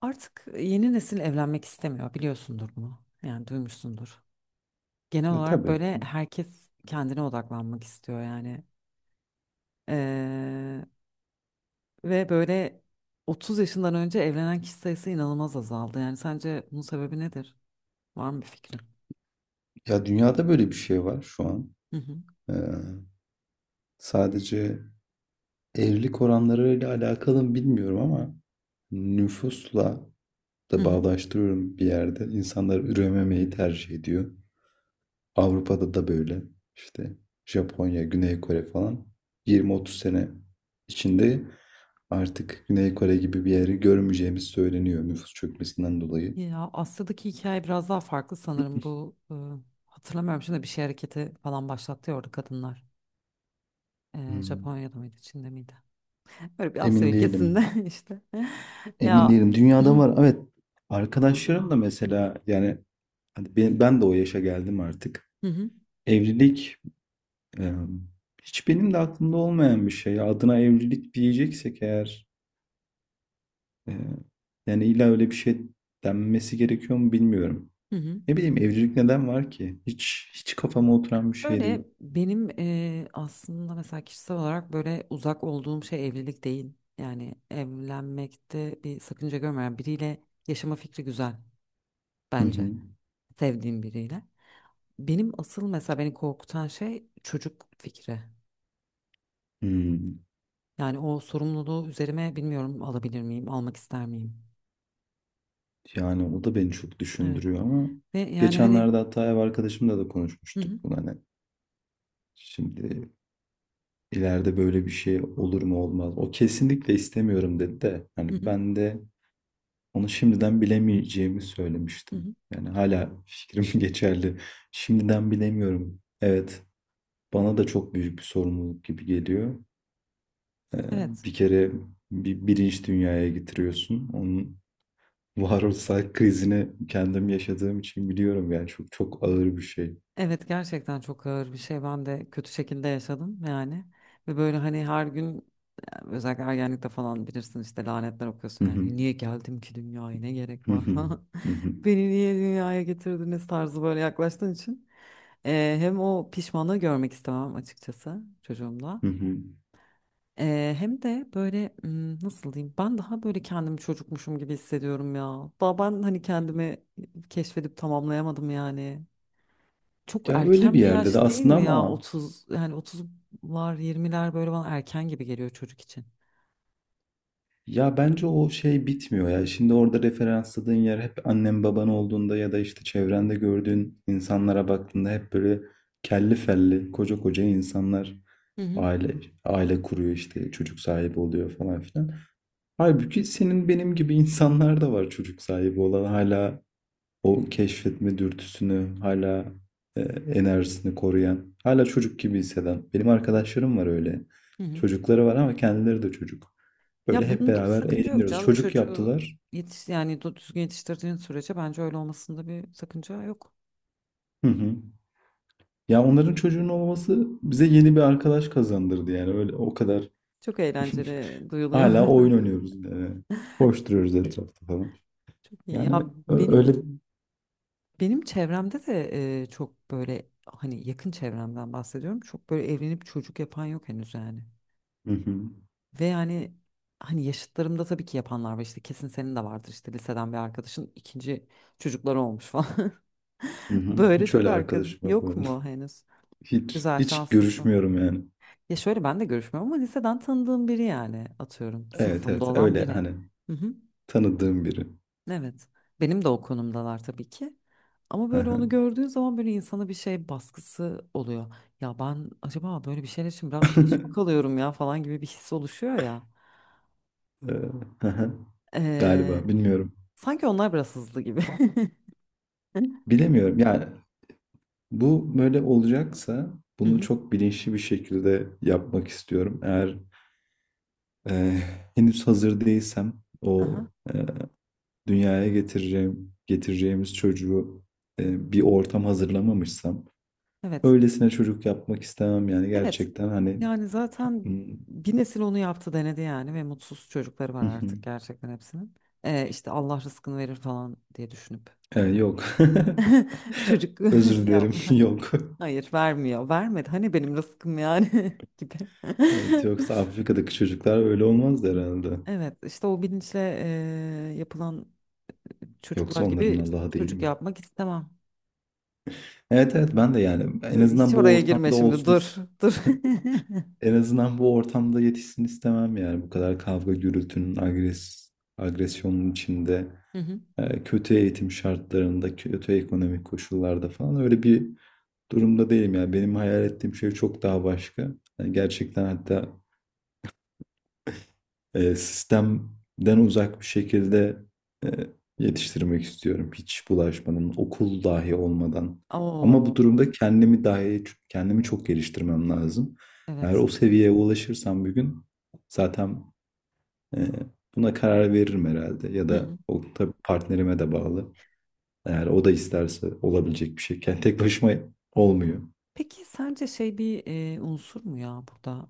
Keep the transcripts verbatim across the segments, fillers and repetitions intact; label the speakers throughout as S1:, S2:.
S1: Artık e, yeni nesil evlenmek istemiyor, biliyorsundur bunu. Yani duymuşsundur. Genel
S2: E
S1: olarak
S2: tabii.
S1: böyle herkes kendine odaklanmak istiyor yani. Ee, ve böyle otuz yaşından önce evlenen kişi sayısı inanılmaz azaldı. Yani sence bunun sebebi nedir? Var mı bir fikrin?
S2: Ya dünyada böyle bir şey var şu an.
S1: Hı hı.
S2: Ee, Sadece evlilik oranlarıyla alakalı mı bilmiyorum ama nüfusla
S1: Hı
S2: da
S1: hı.
S2: bağdaştırıyorum bir yerde. İnsanlar ürememeyi tercih ediyor. Avrupa'da da böyle işte Japonya, Güney Kore falan yirmi otuz sene içinde artık Güney Kore gibi bir yeri görmeyeceğimiz söyleniyor nüfus çökmesinden dolayı.
S1: Ya Asya'daki hikaye biraz daha farklı sanırım. Bu e, hatırlamıyorum şimdi bir şey hareketi falan başlattı ya orada kadınlar. E,
S2: Hmm,
S1: Japonya'da mıydı, Çin'de miydi? Böyle bir Asya
S2: Emin değilim.
S1: ülkesinde işte.
S2: Emin
S1: Ya
S2: değilim. Dünyada var. Evet. Arkadaşlarım da mesela yani hani ben, ben de o yaşa geldim artık.
S1: Hı hı.
S2: Evlilik e, hiç benim de aklımda olmayan bir şey. Adına evlilik diyeceksek eğer e, yani illa öyle bir şey denmesi gerekiyor mu bilmiyorum.
S1: Hı hı.
S2: Ne bileyim evcilik neden var ki? Hiç hiç kafama oturan bir şey
S1: Şöyle
S2: değil.
S1: benim eee, aslında mesela kişisel olarak böyle uzak olduğum şey evlilik değil. Yani evlenmekte bir sakınca görmeyen biriyle yaşama fikri güzel
S2: Hı
S1: bence.
S2: hı.
S1: Sevdiğim biriyle. Benim asıl mesela beni korkutan şey çocuk fikri.
S2: Hmm.
S1: Yani o sorumluluğu üzerime bilmiyorum alabilir miyim, almak ister miyim?
S2: Yani o da beni çok
S1: Evet.
S2: düşündürüyor ama
S1: Ve yani
S2: geçenlerde
S1: hani
S2: hatta ev arkadaşımla da
S1: hı
S2: konuşmuştuk
S1: hı.
S2: bunu hani şimdi ileride böyle bir şey olur mu olmaz. O kesinlikle istemiyorum dedi de
S1: Hı
S2: hani
S1: hı.
S2: ben de onu şimdiden bilemeyeceğimi
S1: Hı
S2: söylemiştim.
S1: hı.
S2: Yani hala fikrim geçerli. Şimdiden bilemiyorum. Evet, bana da çok büyük bir sorumluluk gibi geliyor. Ee,
S1: Evet.
S2: Bir kere bir bilinç dünyaya getiriyorsun. Onun varoluşsal krizini kendim yaşadığım için biliyorum yani çok çok ağır bir şey.
S1: Evet gerçekten çok ağır bir şey. Ben de kötü şekilde yaşadım yani. Ve böyle hani her gün yani özellikle ergenlikte falan bilirsin işte lanetler okuyorsun
S2: Hı hı,
S1: yani. Niye geldim ki dünyaya ne gerek
S2: hı
S1: var
S2: hı,
S1: falan.
S2: hı hı,
S1: Beni niye dünyaya getirdiniz tarzı böyle yaklaştığın için. Ee, hem o pişmanlığı görmek istemem açıkçası çocuğumda.
S2: hı hı.
S1: Ee, hem de böyle hmm, nasıl diyeyim ben daha böyle kendimi çocukmuşum gibi hissediyorum ya. Daha ben hani kendimi keşfedip tamamlayamadım yani. Çok
S2: Ya öyle bir
S1: erken bir
S2: yerde de
S1: yaş değil
S2: aslında
S1: mi ya?
S2: ama
S1: Otuz yani otuzlar yirmiler böyle bana erken gibi geliyor çocuk için.
S2: ya bence o şey bitmiyor ya. Şimdi orada referansladığın yer hep annen baban olduğunda ya da işte çevrende gördüğün insanlara baktığında hep böyle kelli felli koca koca insanlar
S1: Hı hı.
S2: aile aile kuruyor işte çocuk sahibi oluyor falan filan. Halbuki senin benim gibi insanlar da var çocuk sahibi olan hala o keşfetme dürtüsünü, hala e, enerjisini koruyan, hala çocuk gibi hisseden. Benim arkadaşlarım var öyle.
S1: Hı hı.
S2: Çocukları var ama kendileri de çocuk. Böyle
S1: Ya
S2: hep
S1: bunun da bir
S2: beraber
S1: sakınca yok
S2: eğleniyoruz.
S1: canım.
S2: Çocuk
S1: Çocuğu
S2: yaptılar.
S1: yetiş yani du- düzgün yetiştirdiğin sürece bence öyle olmasında bir sakınca yok.
S2: Hı hı. Ya onların çocuğunun olması bize yeni bir arkadaş kazandırdı yani öyle o kadar.
S1: Çok eğlenceli duyuluyor
S2: Hala
S1: bana.
S2: oyun oynuyoruz yani. Koşturuyoruz etrafta falan.
S1: Çok iyi.
S2: Yani
S1: Ya
S2: ö- öyle.
S1: benim benim çevremde de e, çok böyle hani yakın çevremden bahsediyorum. Çok böyle evlenip çocuk yapan yok henüz yani.
S2: Hı hı.
S1: Ve yani hani yaşıtlarımda tabii ki yapanlar var işte kesin senin de vardır işte liseden bir arkadaşın ikinci çocukları olmuş falan.
S2: Hı hı.
S1: Böyle
S2: Hiç
S1: çok
S2: öyle
S1: arka
S2: arkadaşım yok
S1: yok
S2: benim.
S1: mu henüz?
S2: Hiç
S1: Güzel
S2: hiç
S1: şanslısın.
S2: görüşmüyorum yani.
S1: Ya şöyle ben de görüşmüyorum ama liseden tanıdığım biri yani atıyorum
S2: Evet
S1: sınıfımda
S2: evet
S1: olan
S2: öyle
S1: biri.
S2: hani
S1: Hı hı.
S2: tanıdığım biri.
S1: Evet. Benim de o konumdalar tabii ki. Ama
S2: Hı
S1: böyle onu
S2: hı.
S1: gördüğün zaman böyle insana bir şey baskısı oluyor. Ya ben acaba böyle bir şeyler için biraz geç mi kalıyorum ya falan gibi bir his oluşuyor ya.
S2: Eee, hı hı.
S1: Ee,
S2: Galiba bilmiyorum.
S1: Sanki onlar biraz hızlı gibi. Hı
S2: Bilemiyorum yani bu böyle olacaksa bunu
S1: hı.
S2: çok bilinçli bir şekilde yapmak istiyorum. Eğer eee, henüz hazır değilsem o
S1: Aha.
S2: eee, dünyaya getireceğim getireceğimiz çocuğu eee, bir ortam hazırlamamışsam
S1: Evet.
S2: öylesine çocuk yapmak istemem yani
S1: Evet.
S2: gerçekten hani.
S1: Yani zaten
S2: hmm,
S1: bir nesil onu yaptı denedi yani ve mutsuz çocukları var
S2: hı hı.
S1: artık gerçekten hepsinin. Ee, işte Allah rızkını verir falan diye düşünüp
S2: Ee,
S1: böyle
S2: yok.
S1: çocuk
S2: Özür dilerim.
S1: yapma.
S2: Yok.
S1: Hayır vermiyor. Vermedi. Hani benim rızkım yani gibi.
S2: Evet, yoksa Afrika'daki çocuklar öyle olmaz herhalde.
S1: Evet işte o bilinçle eee, yapılan çocuklar
S2: Yoksa onların
S1: gibi
S2: Allah'ı değil
S1: çocuk
S2: mi?
S1: yapmak istemem.
S2: Evet evet ben de yani en
S1: Dur, hiç
S2: azından bu
S1: oraya girme
S2: ortamda
S1: şimdi
S2: olsun ist-
S1: dur dur.
S2: en azından bu ortamda yetişsin istemem yani bu kadar kavga gürültünün agres agresyonun içinde
S1: Hı hı.
S2: e, kötü eğitim şartlarında kötü ekonomik koşullarda falan öyle bir durumda değilim yani benim hayal ettiğim şey çok daha başka. Yani gerçekten hatta e, sistemden uzak bir şekilde e, yetiştirmek istiyorum. Hiç bulaşmadan, okul dahi olmadan. Ama bu
S1: Oo,
S2: durumda kendimi dahi kendimi çok geliştirmem lazım. Eğer
S1: evet.
S2: o seviyeye ulaşırsam bir gün zaten e, buna karar veririm herhalde. Ya
S1: Hı
S2: da
S1: hı.
S2: o tabii partnerime de bağlı. Eğer o da isterse olabilecek bir şey. Yani tek başıma olmuyor.
S1: Peki sence şey bir e, unsur mu ya burada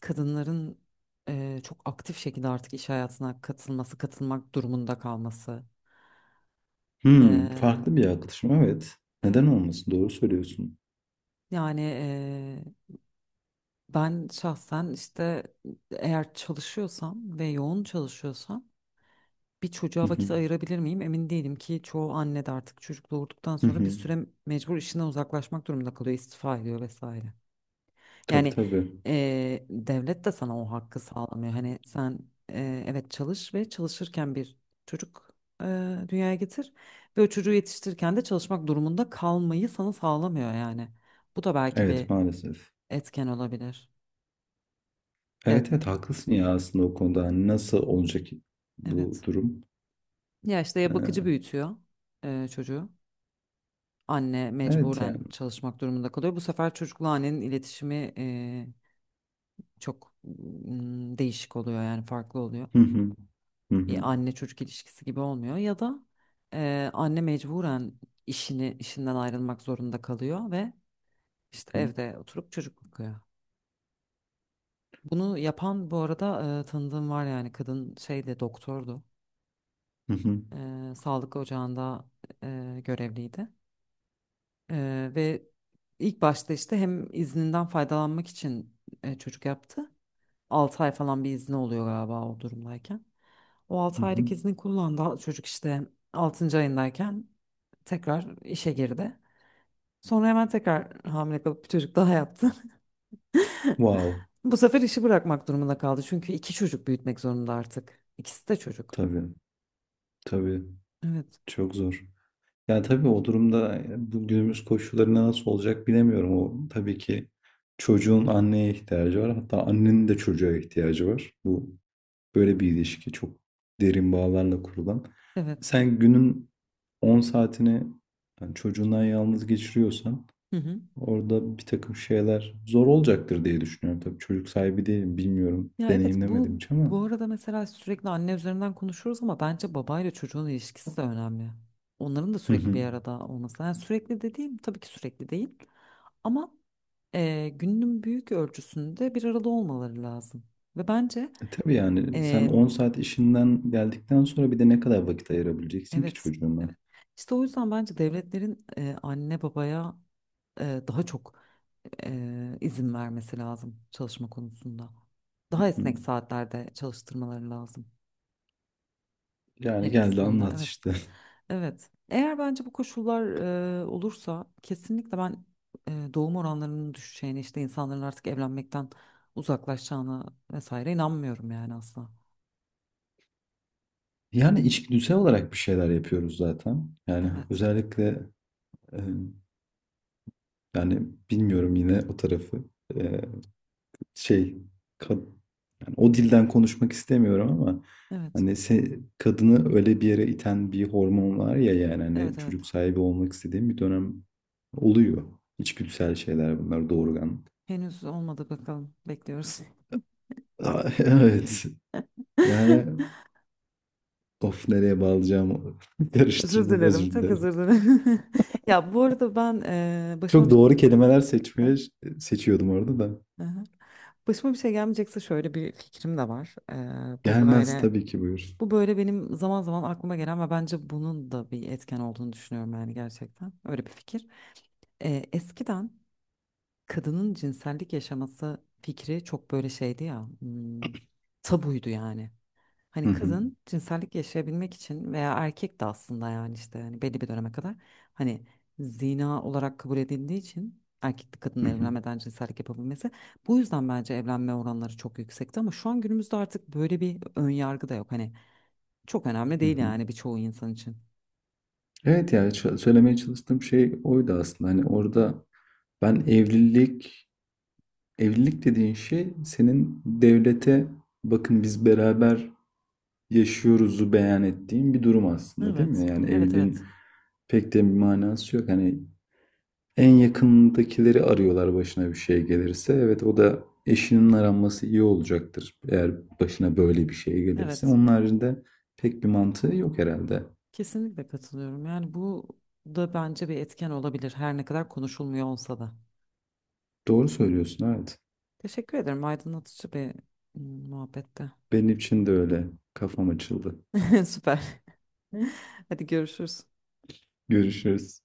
S1: e, kadınların e, çok aktif şekilde artık iş hayatına katılması, katılmak durumunda kalması? E,
S2: Hmm, farklı bir yaklaşım evet. Neden
S1: evet.
S2: olmasın? Doğru söylüyorsun.
S1: Yani e, ben şahsen işte eğer çalışıyorsam ve yoğun çalışıyorsam bir
S2: Hı
S1: çocuğa
S2: hı.
S1: vakit ayırabilir miyim? Emin değilim ki çoğu anne de artık çocuk doğurduktan
S2: Hı
S1: sonra bir
S2: hı.
S1: süre mecbur işinden uzaklaşmak durumunda kalıyor, istifa ediyor vesaire.
S2: Tabii
S1: Yani
S2: tabii.
S1: e, devlet de sana o hakkı sağlamıyor. Hani sen e, evet çalış ve çalışırken bir çocuk e, dünyaya getir ve o çocuğu yetiştirirken de çalışmak durumunda kalmayı sana sağlamıyor yani. Bu da belki bir
S2: Evet maalesef.
S1: etken olabilir. Ya,
S2: Evet evet haklısın ya aslında o konuda. Hani nasıl olacak bu
S1: evet.
S2: durum?
S1: Ya işte ya bakıcı
S2: Ee,
S1: büyütüyor e, çocuğu. Anne
S2: evet yani.
S1: mecburen çalışmak durumunda kalıyor. Bu sefer çocukla annenin iletişimi e, çok mm, değişik oluyor yani farklı oluyor.
S2: Hı hı. Hı hı.
S1: Bir anne çocuk ilişkisi gibi olmuyor ya da eee, anne mecburen işini işinden ayrılmak zorunda kalıyor ve işte evde oturup çocuk bakıyor. Bunu yapan bu arada eee, tanıdığım var yani kadın şeyde doktordu.
S2: Hı hı.
S1: Eee, sağlık ocağında eee, görevliydi. Eee, ve ilk başta işte hem izninden faydalanmak için eee, çocuk yaptı. altı ay falan bir izni oluyor galiba o durumdayken. O
S2: Hı
S1: altı aylık
S2: hı.
S1: izni kullandı. Çocuk işte altıncı ayındayken tekrar işe girdi. Sonra hemen tekrar hamile kalıp bir çocuk daha yaptı.
S2: Wow.
S1: Bu sefer işi bırakmak durumunda kaldı. Çünkü iki çocuk büyütmek zorunda artık. İkisi de çocuk.
S2: Tabii. Tabii.
S1: Evet,
S2: Çok zor. Yani tabii o durumda bu günümüz koşullarında nasıl olacak bilemiyorum. O tabii ki çocuğun anneye ihtiyacı var. Hatta annenin de çocuğa ihtiyacı var. Bu böyle bir ilişki çok derin bağlarla kurulan.
S1: evet.
S2: Sen günün on saatini yani çocuğundan yalnız geçiriyorsan
S1: Hı hı.
S2: orada bir takım şeyler zor olacaktır diye düşünüyorum. Tabii çocuk sahibi değilim, bilmiyorum.
S1: Ya evet bu
S2: Deneyimlemedim hiç
S1: bu
S2: ama.
S1: arada mesela sürekli anne üzerinden konuşuyoruz ama bence babayla çocuğun ilişkisi de önemli. Onların da
S2: Hı
S1: sürekli
S2: hı.
S1: bir arada olması. Yani sürekli dediğim tabii ki sürekli değil. Ama e, günün büyük ölçüsünde bir arada olmaları lazım. Ve bence
S2: E tabii yani sen
S1: e,
S2: on saat işinden geldikten sonra bir de ne kadar vakit ayırabileceksin ki
S1: evet,
S2: çocuğuna?
S1: evet. İşte o yüzden bence devletlerin e, anne babaya e, daha çok e, izin vermesi lazım çalışma konusunda. Daha
S2: Hı hı.
S1: esnek saatlerde çalıştırmaları lazım her
S2: Yani geldi
S1: ikisinde.
S2: anlat
S1: Evet,
S2: işte.
S1: evet. Eğer bence bu koşullar e, olursa kesinlikle ben e, doğum oranlarının düşeceğine, işte insanların artık evlenmekten uzaklaşacağına vesaire inanmıyorum yani asla.
S2: Yani içgüdüsel olarak bir şeyler yapıyoruz zaten. Yani
S1: Evet.
S2: özellikle e, yani bilmiyorum yine o tarafı. E, şey kad- O dilden konuşmak istemiyorum ama
S1: Evet.
S2: hani se- kadını öyle bir yere iten bir hormon var ya yani
S1: Evet
S2: hani
S1: evet.
S2: çocuk sahibi olmak istediğim bir dönem oluyor. İçgüdüsel şeyler bunlar doğurgan.
S1: Henüz olmadı bakalım. Bekliyoruz.
S2: Aa, evet. Yani of nereye bağlayacağımı
S1: Özür
S2: karıştırdım özür
S1: dilerim. Çok
S2: dilerim.
S1: özür dilerim. Ya bu arada ben eee, başıma
S2: Çok
S1: bir şey
S2: doğru kelimeler seçmeye
S1: gelmeyecekse.
S2: seçiyordum orada da.
S1: Hı hı. Başıma bir şey gelmeyecekse şöyle bir fikrim de var. Eee, bu
S2: Gelmez
S1: böyle
S2: tabii ki buyur.
S1: bu böyle benim zaman zaman aklıma gelen ve bence bunun da bir etken olduğunu düşünüyorum yani gerçekten. Öyle bir fikir. Eee, eskiden kadının cinsellik yaşaması fikri çok böyle şeydi ya. Hmm, tabuydu yani.
S2: Hı
S1: Hani
S2: hı,
S1: kızın cinsellik yaşayabilmek için veya erkek de aslında yani işte hani belli bir döneme kadar hani zina olarak kabul edildiği için erkekli
S2: hı
S1: kadınla
S2: hı,
S1: evlenmeden cinsellik yapabilmesi bu yüzden bence evlenme oranları çok yüksekti ama şu an günümüzde artık böyle bir ön yargı da yok hani çok önemli
S2: hı
S1: değil
S2: hı.
S1: yani birçoğu insan için.
S2: Evet yani ç- söylemeye çalıştığım şey oydu aslında. Hani
S1: Aha.
S2: orada ben evlilik evlilik dediğin şey senin devlete bakın biz beraber yaşıyoruzu beyan ettiğin bir durum aslında değil
S1: Evet.
S2: mi? Yani
S1: Evet
S2: evliliğin
S1: evet.
S2: pek de bir manası yok. Hani en yakındakileri arıyorlar başına bir şey gelirse. Evet o da eşinin aranması iyi olacaktır. Eğer başına böyle bir şey gelirse.
S1: Evet.
S2: Onun haricinde pek bir mantığı yok herhalde.
S1: Kesinlikle katılıyorum. Yani bu da bence bir etken olabilir her ne kadar konuşulmuyor olsa da.
S2: Doğru söylüyorsun evet.
S1: Teşekkür ederim. Aydınlatıcı bir mm, muhabbette.
S2: Benim için de öyle. Kafam açıldı.
S1: Süper. Hadi görüşürüz.
S2: Görüşürüz.